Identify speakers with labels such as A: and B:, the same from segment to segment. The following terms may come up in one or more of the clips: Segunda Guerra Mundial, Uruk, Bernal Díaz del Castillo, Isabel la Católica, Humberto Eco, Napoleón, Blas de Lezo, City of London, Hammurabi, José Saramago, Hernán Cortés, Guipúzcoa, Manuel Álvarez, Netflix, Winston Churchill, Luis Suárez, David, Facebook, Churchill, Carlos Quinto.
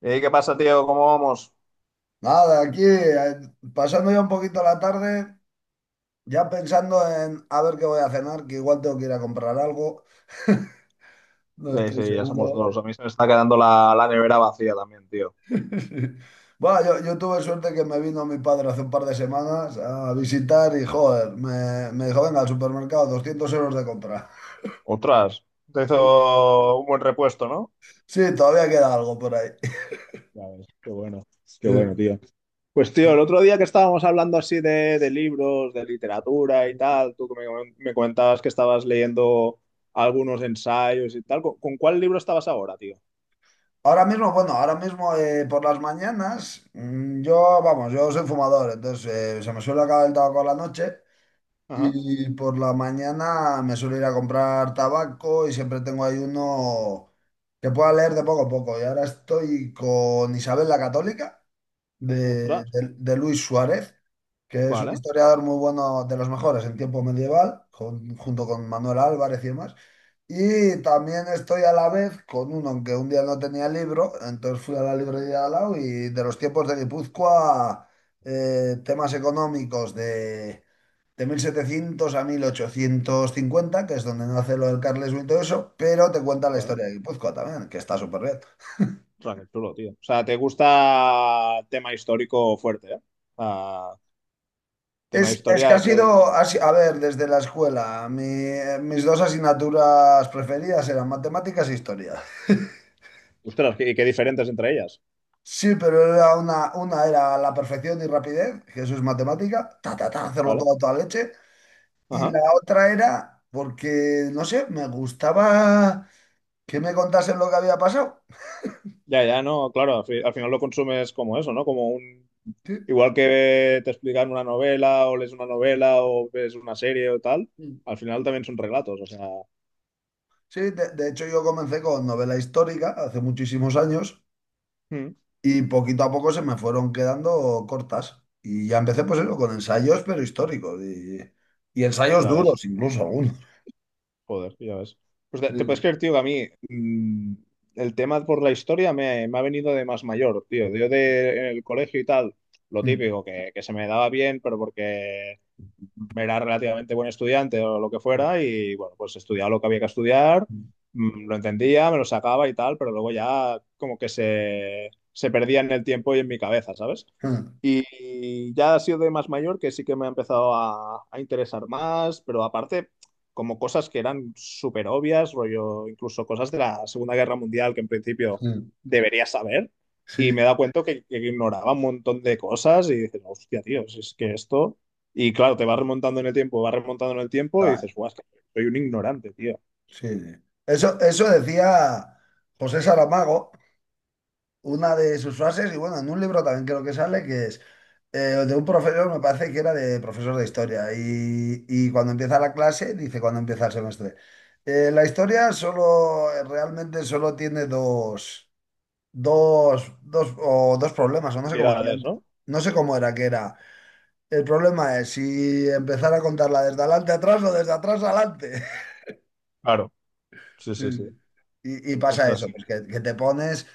A: Ey, ¿qué pasa, tío? ¿Cómo vamos?
B: Nada, aquí pasando ya un poquito la tarde, ya pensando en a ver qué voy a cenar, que igual tengo que ir a comprar algo, no
A: Sí,
B: estoy
A: sí, ya somos
B: seguro.
A: dos. A mí se me está quedando la nevera vacía también, tío.
B: Sí. Bueno, yo tuve suerte que me vino mi padre hace un par de semanas a visitar y, joder, me dijo, venga, al supermercado, 200 € de compra.
A: Otras. Te hizo un buen repuesto, ¿no?
B: Sí, todavía queda algo por ahí.
A: Ya ves, qué bueno,
B: Sí.
A: tío. Pues, tío, el otro día que estábamos hablando así de libros, de literatura y tal, tú que me comentabas que estabas leyendo algunos ensayos y tal, ¿con cuál libro estabas ahora, tío?
B: Ahora mismo, bueno, ahora mismo por las mañanas, vamos, yo soy fumador, entonces se me suele acabar el tabaco a la noche.
A: Ajá.
B: Y por la mañana me suelo ir a comprar tabaco y siempre tengo ahí uno que pueda leer de poco a poco. Y ahora estoy con Isabel la Católica de,
A: Ostras.
B: de- de Luis Suárez, que es un
A: Vale,
B: historiador muy bueno, de los mejores en tiempo medieval, junto con Manuel Álvarez y demás. Y también estoy a la vez con uno, aunque un día no tenía libro, entonces fui a la librería de al lado y de los tiempos de Guipúzcoa, temas económicos de 1700 a 1850, que es donde nace lo del Carlismo y todo eso, pero te cuenta la
A: vale.
B: historia de Guipúzcoa también, que está súper bien.
A: Ostras, qué chulo, tío. O sea, te gusta tema histórico fuerte, ¿eh? Ah, tema
B: Es que
A: historia
B: ha
A: es
B: sido,
A: el...
B: ha si- a ver, desde la escuela, mis dos asignaturas preferidas eran matemáticas e historia.
A: Ostras, y qué diferentes entre ellas,
B: Sí, pero era una era la perfección y rapidez, que eso es matemática, ta, ta, ta, hacerlo
A: ¿vale?
B: todo a toda leche. Y
A: Ajá.
B: la otra era porque, no sé, me gustaba que me contasen lo que había pasado.
A: Ya, ya, no, claro, al, al final lo consumes como eso, ¿no? Como un... Igual que te explican una novela o lees una novela o ves una serie o tal,
B: Sí.
A: al final también son relatos, o sea,
B: Sí, de hecho yo comencé con novela histórica hace muchísimos años
A: mm,
B: y poquito a poco se me fueron quedando cortas. Y ya empecé pues eso, con ensayos, pero históricos y ensayos
A: ya ves.
B: duros, incluso algunos.
A: Joder, ya ves. Pues te puedes
B: Sí,
A: creer, tío, que a mí, el tema por la historia me ha venido de más mayor, tío. Yo de, en el colegio y tal, lo
B: sí,
A: típico, que, se me daba bien, pero porque era relativamente buen estudiante o lo que fuera, y bueno, pues estudiaba lo que había que estudiar, lo entendía, me lo sacaba y tal, pero luego ya como que se perdía en el tiempo y en mi cabeza, ¿sabes? Y ya ha sido de más mayor que sí que me ha empezado a interesar más, pero aparte, como cosas que eran súper obvias, rollo, incluso cosas de la Segunda Guerra Mundial que en principio debería saber. Y me he
B: sí.
A: dado cuenta que ignoraba un montón de cosas y dices, hostia, tío, si es que esto. Y claro, te vas remontando en el tiempo, vas remontando en el tiempo y
B: Ah,
A: dices, guau, es que soy un ignorante, tío.
B: sí, sí. Eso decía José Saramago, una de sus frases, y bueno, en un libro también creo que sale, que es eh, de un profesor, me parece que era de profesor de historia, y cuando empieza la clase, dice cuando empieza el semestre, la historia solo, realmente solo tiene dos, o dos problemas, o no sé cómo decía
A: Utilidades,
B: antes.
A: ¿no?
B: No sé cómo era que era. El problema es si empezar a contarla desde adelante atrás o desde atrás adelante.
A: Claro, sí,
B: Sí.
A: sí, sí.
B: Sí. Y
A: O
B: pasa
A: sea,
B: eso,
A: sí.
B: pues que te pones.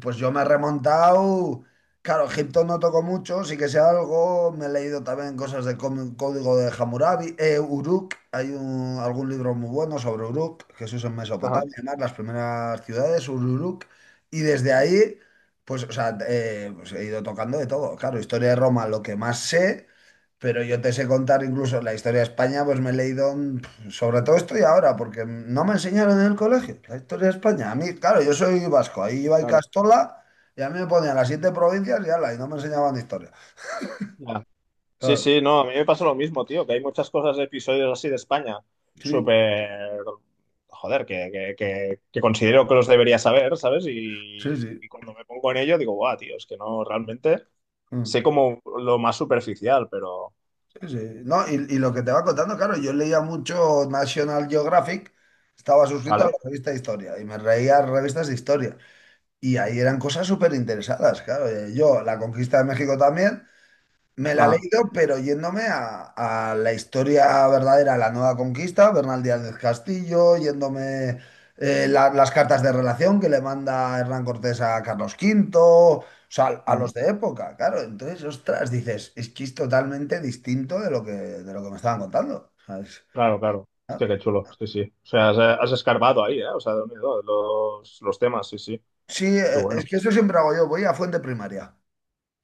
B: Pues yo me he remontado. Claro, Egipto no toco mucho, sí que sé algo. Me he leído también cosas del código de Hammurabi. Uruk, hay algún libro muy bueno sobre Uruk, Jesús en
A: Ajá,
B: Mesopotamia, además, las primeras ciudades, Uruk. Y desde ahí, pues, o sea, pues he ido tocando de todo. Claro, historia de Roma, lo que más sé, pero yo te sé contar incluso la historia de España, pues me he leído sobre todo estoy ahora, porque no me enseñaron en el colegio la historia de España. A mí, claro, yo soy vasco, ahí iba y
A: claro.
B: Castola, y a mí me ponían las siete provincias y ala, y no me enseñaban historia.
A: Sí,
B: Claro,
A: sí, no, a mí me pasa lo mismo, tío, que hay muchas cosas de episodios así de España,
B: sí,
A: súper, joder, que, que considero que los debería saber, ¿sabes?
B: sí, sí.
A: Y cuando me pongo en ello digo, guau, tío, es que no, realmente
B: Mm,
A: sé como lo más superficial, pero,
B: sí, sí. No, y lo que te va contando, claro, yo leía mucho National Geographic, estaba suscrito a la
A: ¿vale?
B: revista de historia, y me reía revistas de historia. Y ahí eran cosas súper interesadas, claro. Yo, la conquista de México también. Me la he
A: Ajá,
B: leído, pero yéndome a la historia verdadera, la nueva conquista, Bernal Díaz del Castillo, yéndome las cartas de relación que le manda Hernán Cortés a Carlos V, o sea, a
A: ajá.
B: los de época, claro. Entonces, ostras, dices, es que es totalmente distinto de lo que me estaban contando, ¿sabes?
A: Claro, claro.
B: Ah,
A: Hostia, qué chulo, sí, sí. O sea, has, has escarbado ahí, ¿eh? O sea, de unido los temas, sí, sí.
B: sí,
A: Qué
B: es
A: bueno.
B: que eso siempre hago yo, voy a fuente primaria.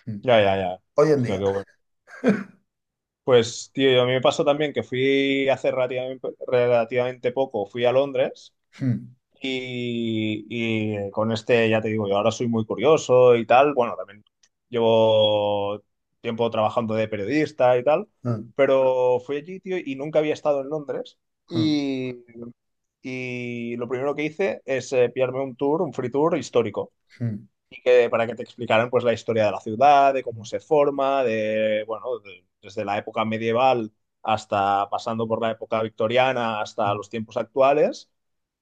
B: Mm.
A: Ya, ya, ya.
B: Hoy en
A: Hostia,
B: día.
A: qué bueno. Pues, tío, a mí me pasó también que fui hace relativamente, relativamente poco, fui a Londres
B: Mm,
A: y con este, ya te digo, yo ahora soy muy curioso y tal. Bueno, también llevo tiempo trabajando de periodista y tal,
B: mm,
A: pero fui allí, tío, y nunca había estado en Londres.
B: mm,
A: Y, y lo primero que hice es pillarme un tour, un free tour histórico
B: mm,
A: que, para que te explicaran pues la historia de la ciudad, de cómo
B: mm,
A: se forma, de, bueno, desde la época medieval hasta pasando por la época victoriana hasta los tiempos actuales.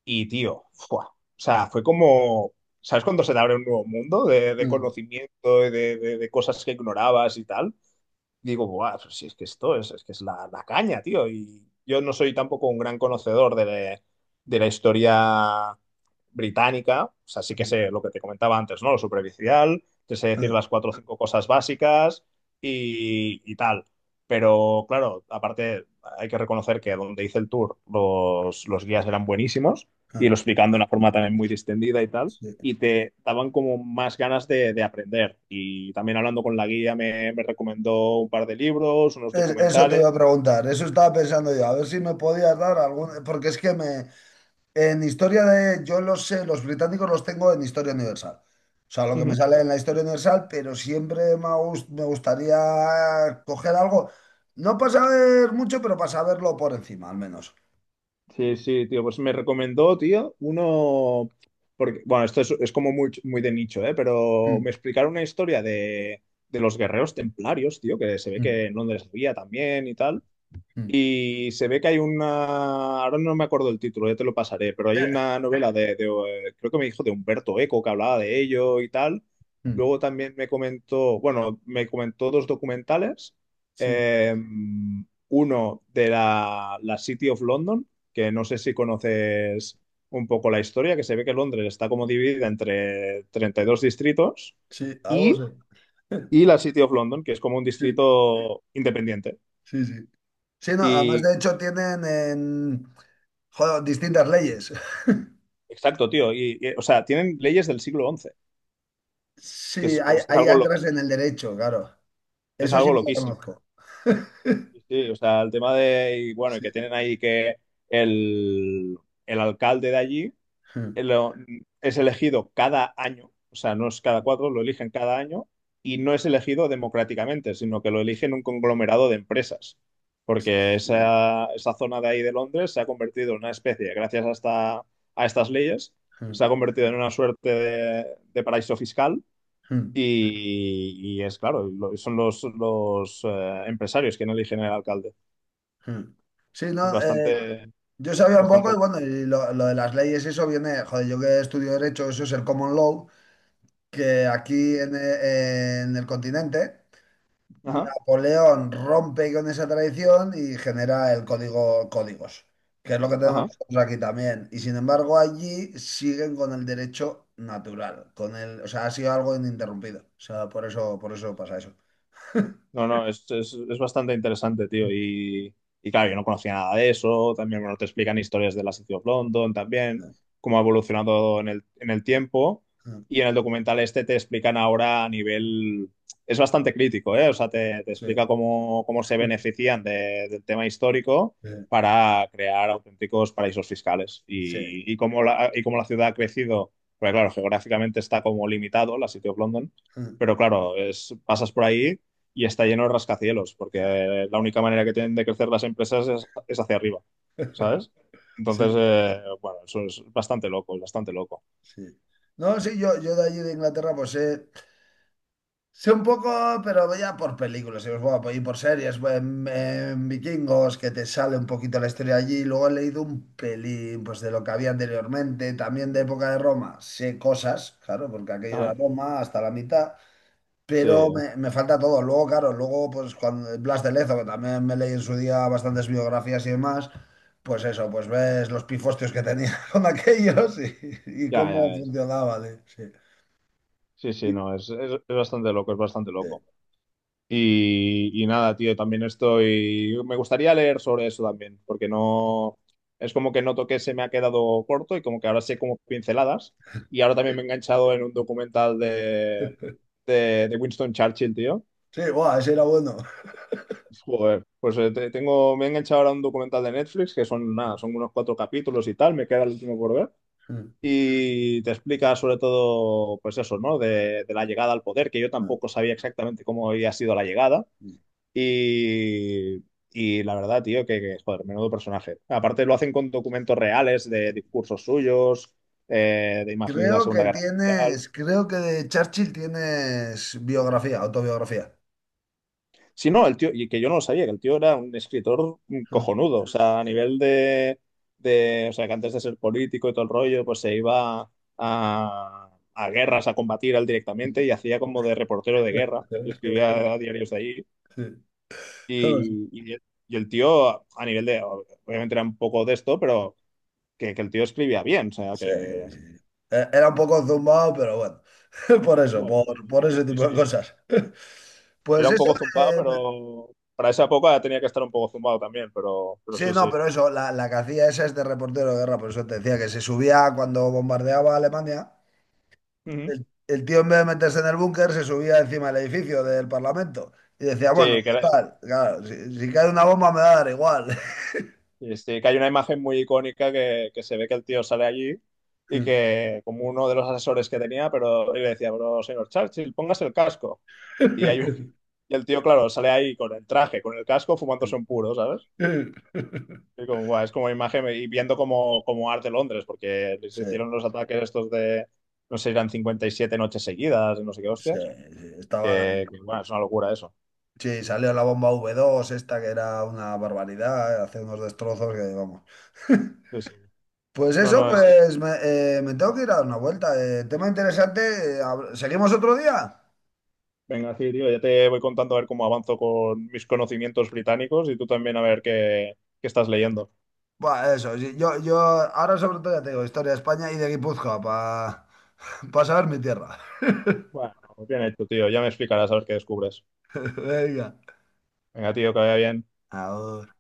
A: Y tío, ¡fua! O sea, fue como, ¿sabes cuando se te abre un nuevo mundo de
B: mm,
A: conocimiento y de, de cosas que ignorabas y tal? Digo, buah, pues si es que esto es que es la, la caña, tío. Y yo no soy tampoco un gran conocedor de, de la historia británica, o sea, sí que
B: mm,
A: sé lo que te comentaba antes, ¿no? Lo superficial, te sé decir
B: mm,
A: las cuatro o cinco cosas básicas y tal. Pero claro, aparte hay que reconocer que donde hice el tour los guías eran buenísimos y
B: mm.
A: lo explicando de una forma también muy distendida y tal
B: Sí.
A: y te daban como más ganas de aprender. Y también hablando con la guía me recomendó un par de libros, unos
B: Eso te
A: documentales.
B: iba a preguntar, eso estaba pensando yo, a ver si me podías dar algún, porque es que me, en historia de, yo los sé, los británicos los tengo en historia universal, o sea, lo que me
A: Ujú.
B: sale en la historia universal, pero siempre me, me gustaría coger algo, no para saber mucho, pero para saberlo por encima, al menos.
A: Sí, sí, tío, pues me recomendó, tío, uno, porque, bueno, esto es como muy, muy de nicho, ¿eh? Pero me
B: Mm,
A: explicaron una historia de los guerreros templarios, tío, que se ve
B: mm,
A: que en Londres había también y tal.
B: mm.
A: Y se ve que hay una, ahora no me acuerdo el título, ya te lo pasaré, pero hay
B: Eh,
A: una novela de creo que me dijo de Humberto Eco que hablaba de ello y tal.
B: mm.
A: Luego también me comentó, bueno, me comentó dos documentales.
B: Sí,
A: Eh, uno de la City of London, que no sé si conoces un poco la historia, que se ve que Londres está como dividida entre 32 distritos
B: sí, algo
A: y,
B: sé.
A: y la City of London, que es como un
B: Sí,
A: distrito independiente.
B: sí, sí. Sí, no, además
A: Y
B: de hecho tienen en, joder, distintas leyes.
A: exacto, tío. Y, o sea, tienen leyes del siglo XI, que
B: Sí, ahí,
A: es
B: ahí
A: algo,
B: entras en el derecho, claro.
A: es
B: Eso sí
A: algo
B: me lo
A: loquísimo.
B: conozco.
A: Sí, sí, o sea, el tema de, y bueno, y que
B: Sí.
A: tienen ahí que el, el alcalde de allí
B: Hmm.
A: eh, lo- es elegido cada año, o sea, no es cada cuatro, lo eligen cada año y no es elegido democráticamente, sino que lo eligen un conglomerado de empresas, porque
B: Sí.
A: esa zona de ahí de Londres se ha convertido en una especie, gracias a, a estas leyes,
B: Hmm,
A: se ha convertido en una suerte de paraíso fiscal.
B: hmm,
A: Y es claro, son los empresarios quienes eligen al alcalde.
B: hmm. Sí,
A: Es
B: no,
A: bastante,
B: yo sabía un poco
A: bastante
B: y
A: loco.
B: bueno, y lo de las leyes, eso viene, joder, yo que estudio derecho, eso es el common law, que
A: Ujú.
B: aquí en el continente
A: Ajá,
B: Napoleón rompe con esa tradición y genera el códigos, que es lo que tenemos
A: ajá.
B: nosotros aquí también. Y sin embargo, allí siguen con el derecho natural, con el, o sea, ha sido algo ininterrumpido. O sea, por eso pasa eso.
A: No, no, es bastante interesante, tío. Y claro, yo no conocía nada de eso. También, bueno, te explican historias de la City of London también, cómo ha evolucionado en el tiempo. Y en el documental este te explican ahora a nivel... Es bastante crítico, ¿eh? O sea, te
B: Sí,
A: explica cómo, cómo se benefician del tema histórico
B: sí,
A: para crear auténticos paraísos fiscales.
B: sí,
A: Y cómo la ciudad ha crecido. Porque claro, geográficamente está como limitado la City of London.
B: sí,
A: Pero claro, es, pasas por ahí y está lleno de rascacielos, porque
B: claro,
A: la única manera que tienen de crecer las empresas es hacia arriba, ¿sabes? Entonces,
B: sí,
A: bueno, eso es bastante loco, es bastante loco.
B: sí. No, sí, yo de allí de Inglaterra, pues sé. Sé un poco, pero ya por películas, y os voy a apoyar por series, voy en Vikingos, que te sale un poquito la historia allí. Luego he leído un pelín pues, de lo que había anteriormente, también de época de Roma. Sé cosas, claro, porque aquello era
A: Ajá.
B: Roma hasta la mitad,
A: Sí,
B: pero me falta todo. Luego, claro, luego, pues cuando Blas de Lezo, que también me leí en su día bastantes biografías y demás, pues eso, pues ves los pifostios que tenía con aquellos y
A: ya, ya
B: cómo
A: ves.
B: funcionaba. Sí,
A: Sí, sí, no, es bastante loco, es bastante
B: sí,
A: loco. Y nada, tío, también estoy... Me gustaría leer sobre eso también, porque no... Es como que noto que se me ha quedado corto y como que ahora sé como pinceladas. Y ahora
B: sí,
A: también me he enganchado en un documental de Winston Churchill, tío.
B: sí, buah, ese era bueno.
A: Joder, pues tengo, me he enganchado ahora a un documental de Netflix que son nada, son unos cuatro capítulos y tal, me queda el último por ver.
B: Mm,
A: Y te explica sobre todo, pues eso, ¿no? De la llegada al poder, que yo
B: mm,
A: tampoco sabía exactamente cómo había sido la llegada.
B: mm.
A: Y, y la verdad, tío, que, joder, menudo personaje. Aparte lo hacen con documentos reales de discursos suyos, de imágenes de la
B: Creo
A: Segunda
B: que
A: Guerra Mundial.
B: tienes, creo que de Churchill tienes biografía, autobiografía.
A: Sí, no, el tío, y que yo no lo sabía, que el tío era un escritor
B: Mm.
A: cojonudo, o sea, a nivel de, o sea, que antes de ser político y todo el rollo, pues se iba a, a guerras a combatir él directamente y hacía como de reportero de guerra, y escribía diarios de ahí,
B: Sí, sí.
A: y, el tío, a nivel de, obviamente era un poco de esto, pero que el tío escribía bien, o sea,
B: Sí.
A: que...
B: Era un poco zumbado, pero bueno, por eso,
A: Wow, un poco,
B: por ese
A: dices, sí,
B: tipo de
A: sí.
B: cosas.
A: Era
B: Pues
A: un
B: eso,
A: poco zumbado,
B: eh,
A: pero para esa época tenía que estar un poco zumbado también, pero
B: sí,
A: sí,
B: no,
A: sí.
B: pero eso, la que hacía esa es de reportero de guerra, por eso te decía que se subía cuando bombardeaba Alemania.
A: Ujú.
B: El tío, en vez de meterse en el búnker, se subía encima del edificio del Parlamento y decía, bueno,
A: Sí, que era,
B: total, claro, si cae una bomba me va a dar igual.
A: este, que hay una imagen muy icónica que se ve que el tío sale allí y que como uno de los asesores que tenía, pero y le decía, pero señor Churchill, póngase el casco. Y, hay, un- y el tío, claro, sale ahí con el traje, con el casco, fumándose un puro, ¿sabes? Y como, "Buah, es como imagen y viendo como, como arte Londres, porque les
B: Sí, sí,
A: hicieron los ataques estos de, no sé, eran 57 noches seguidas, no sé qué
B: sí,
A: hostias,
B: estaban...
A: que, bueno, es una locura eso.
B: Sí, salió la bomba V-2 esta, que era una barbaridad, hace unos destrozos que vamos.
A: Sí, sí.
B: Pues
A: No,
B: eso,
A: no, es,
B: pues me tengo que ir a dar una vuelta. Tema interesante. ¿Seguimos otro día?
A: venga, sí, tío, ya te voy contando a ver cómo avanzo con mis conocimientos británicos y tú también a ver qué, qué estás leyendo.
B: Buah, eso, sí, yo ahora sobre todo ya te digo, historia de España y de Guipúzcoa, para pasarme tierra.
A: Bueno, bien hecho, tío, ya me explicarás a ver qué descubres.
B: Venga.
A: Venga, tío, que vaya bien.
B: Ahora.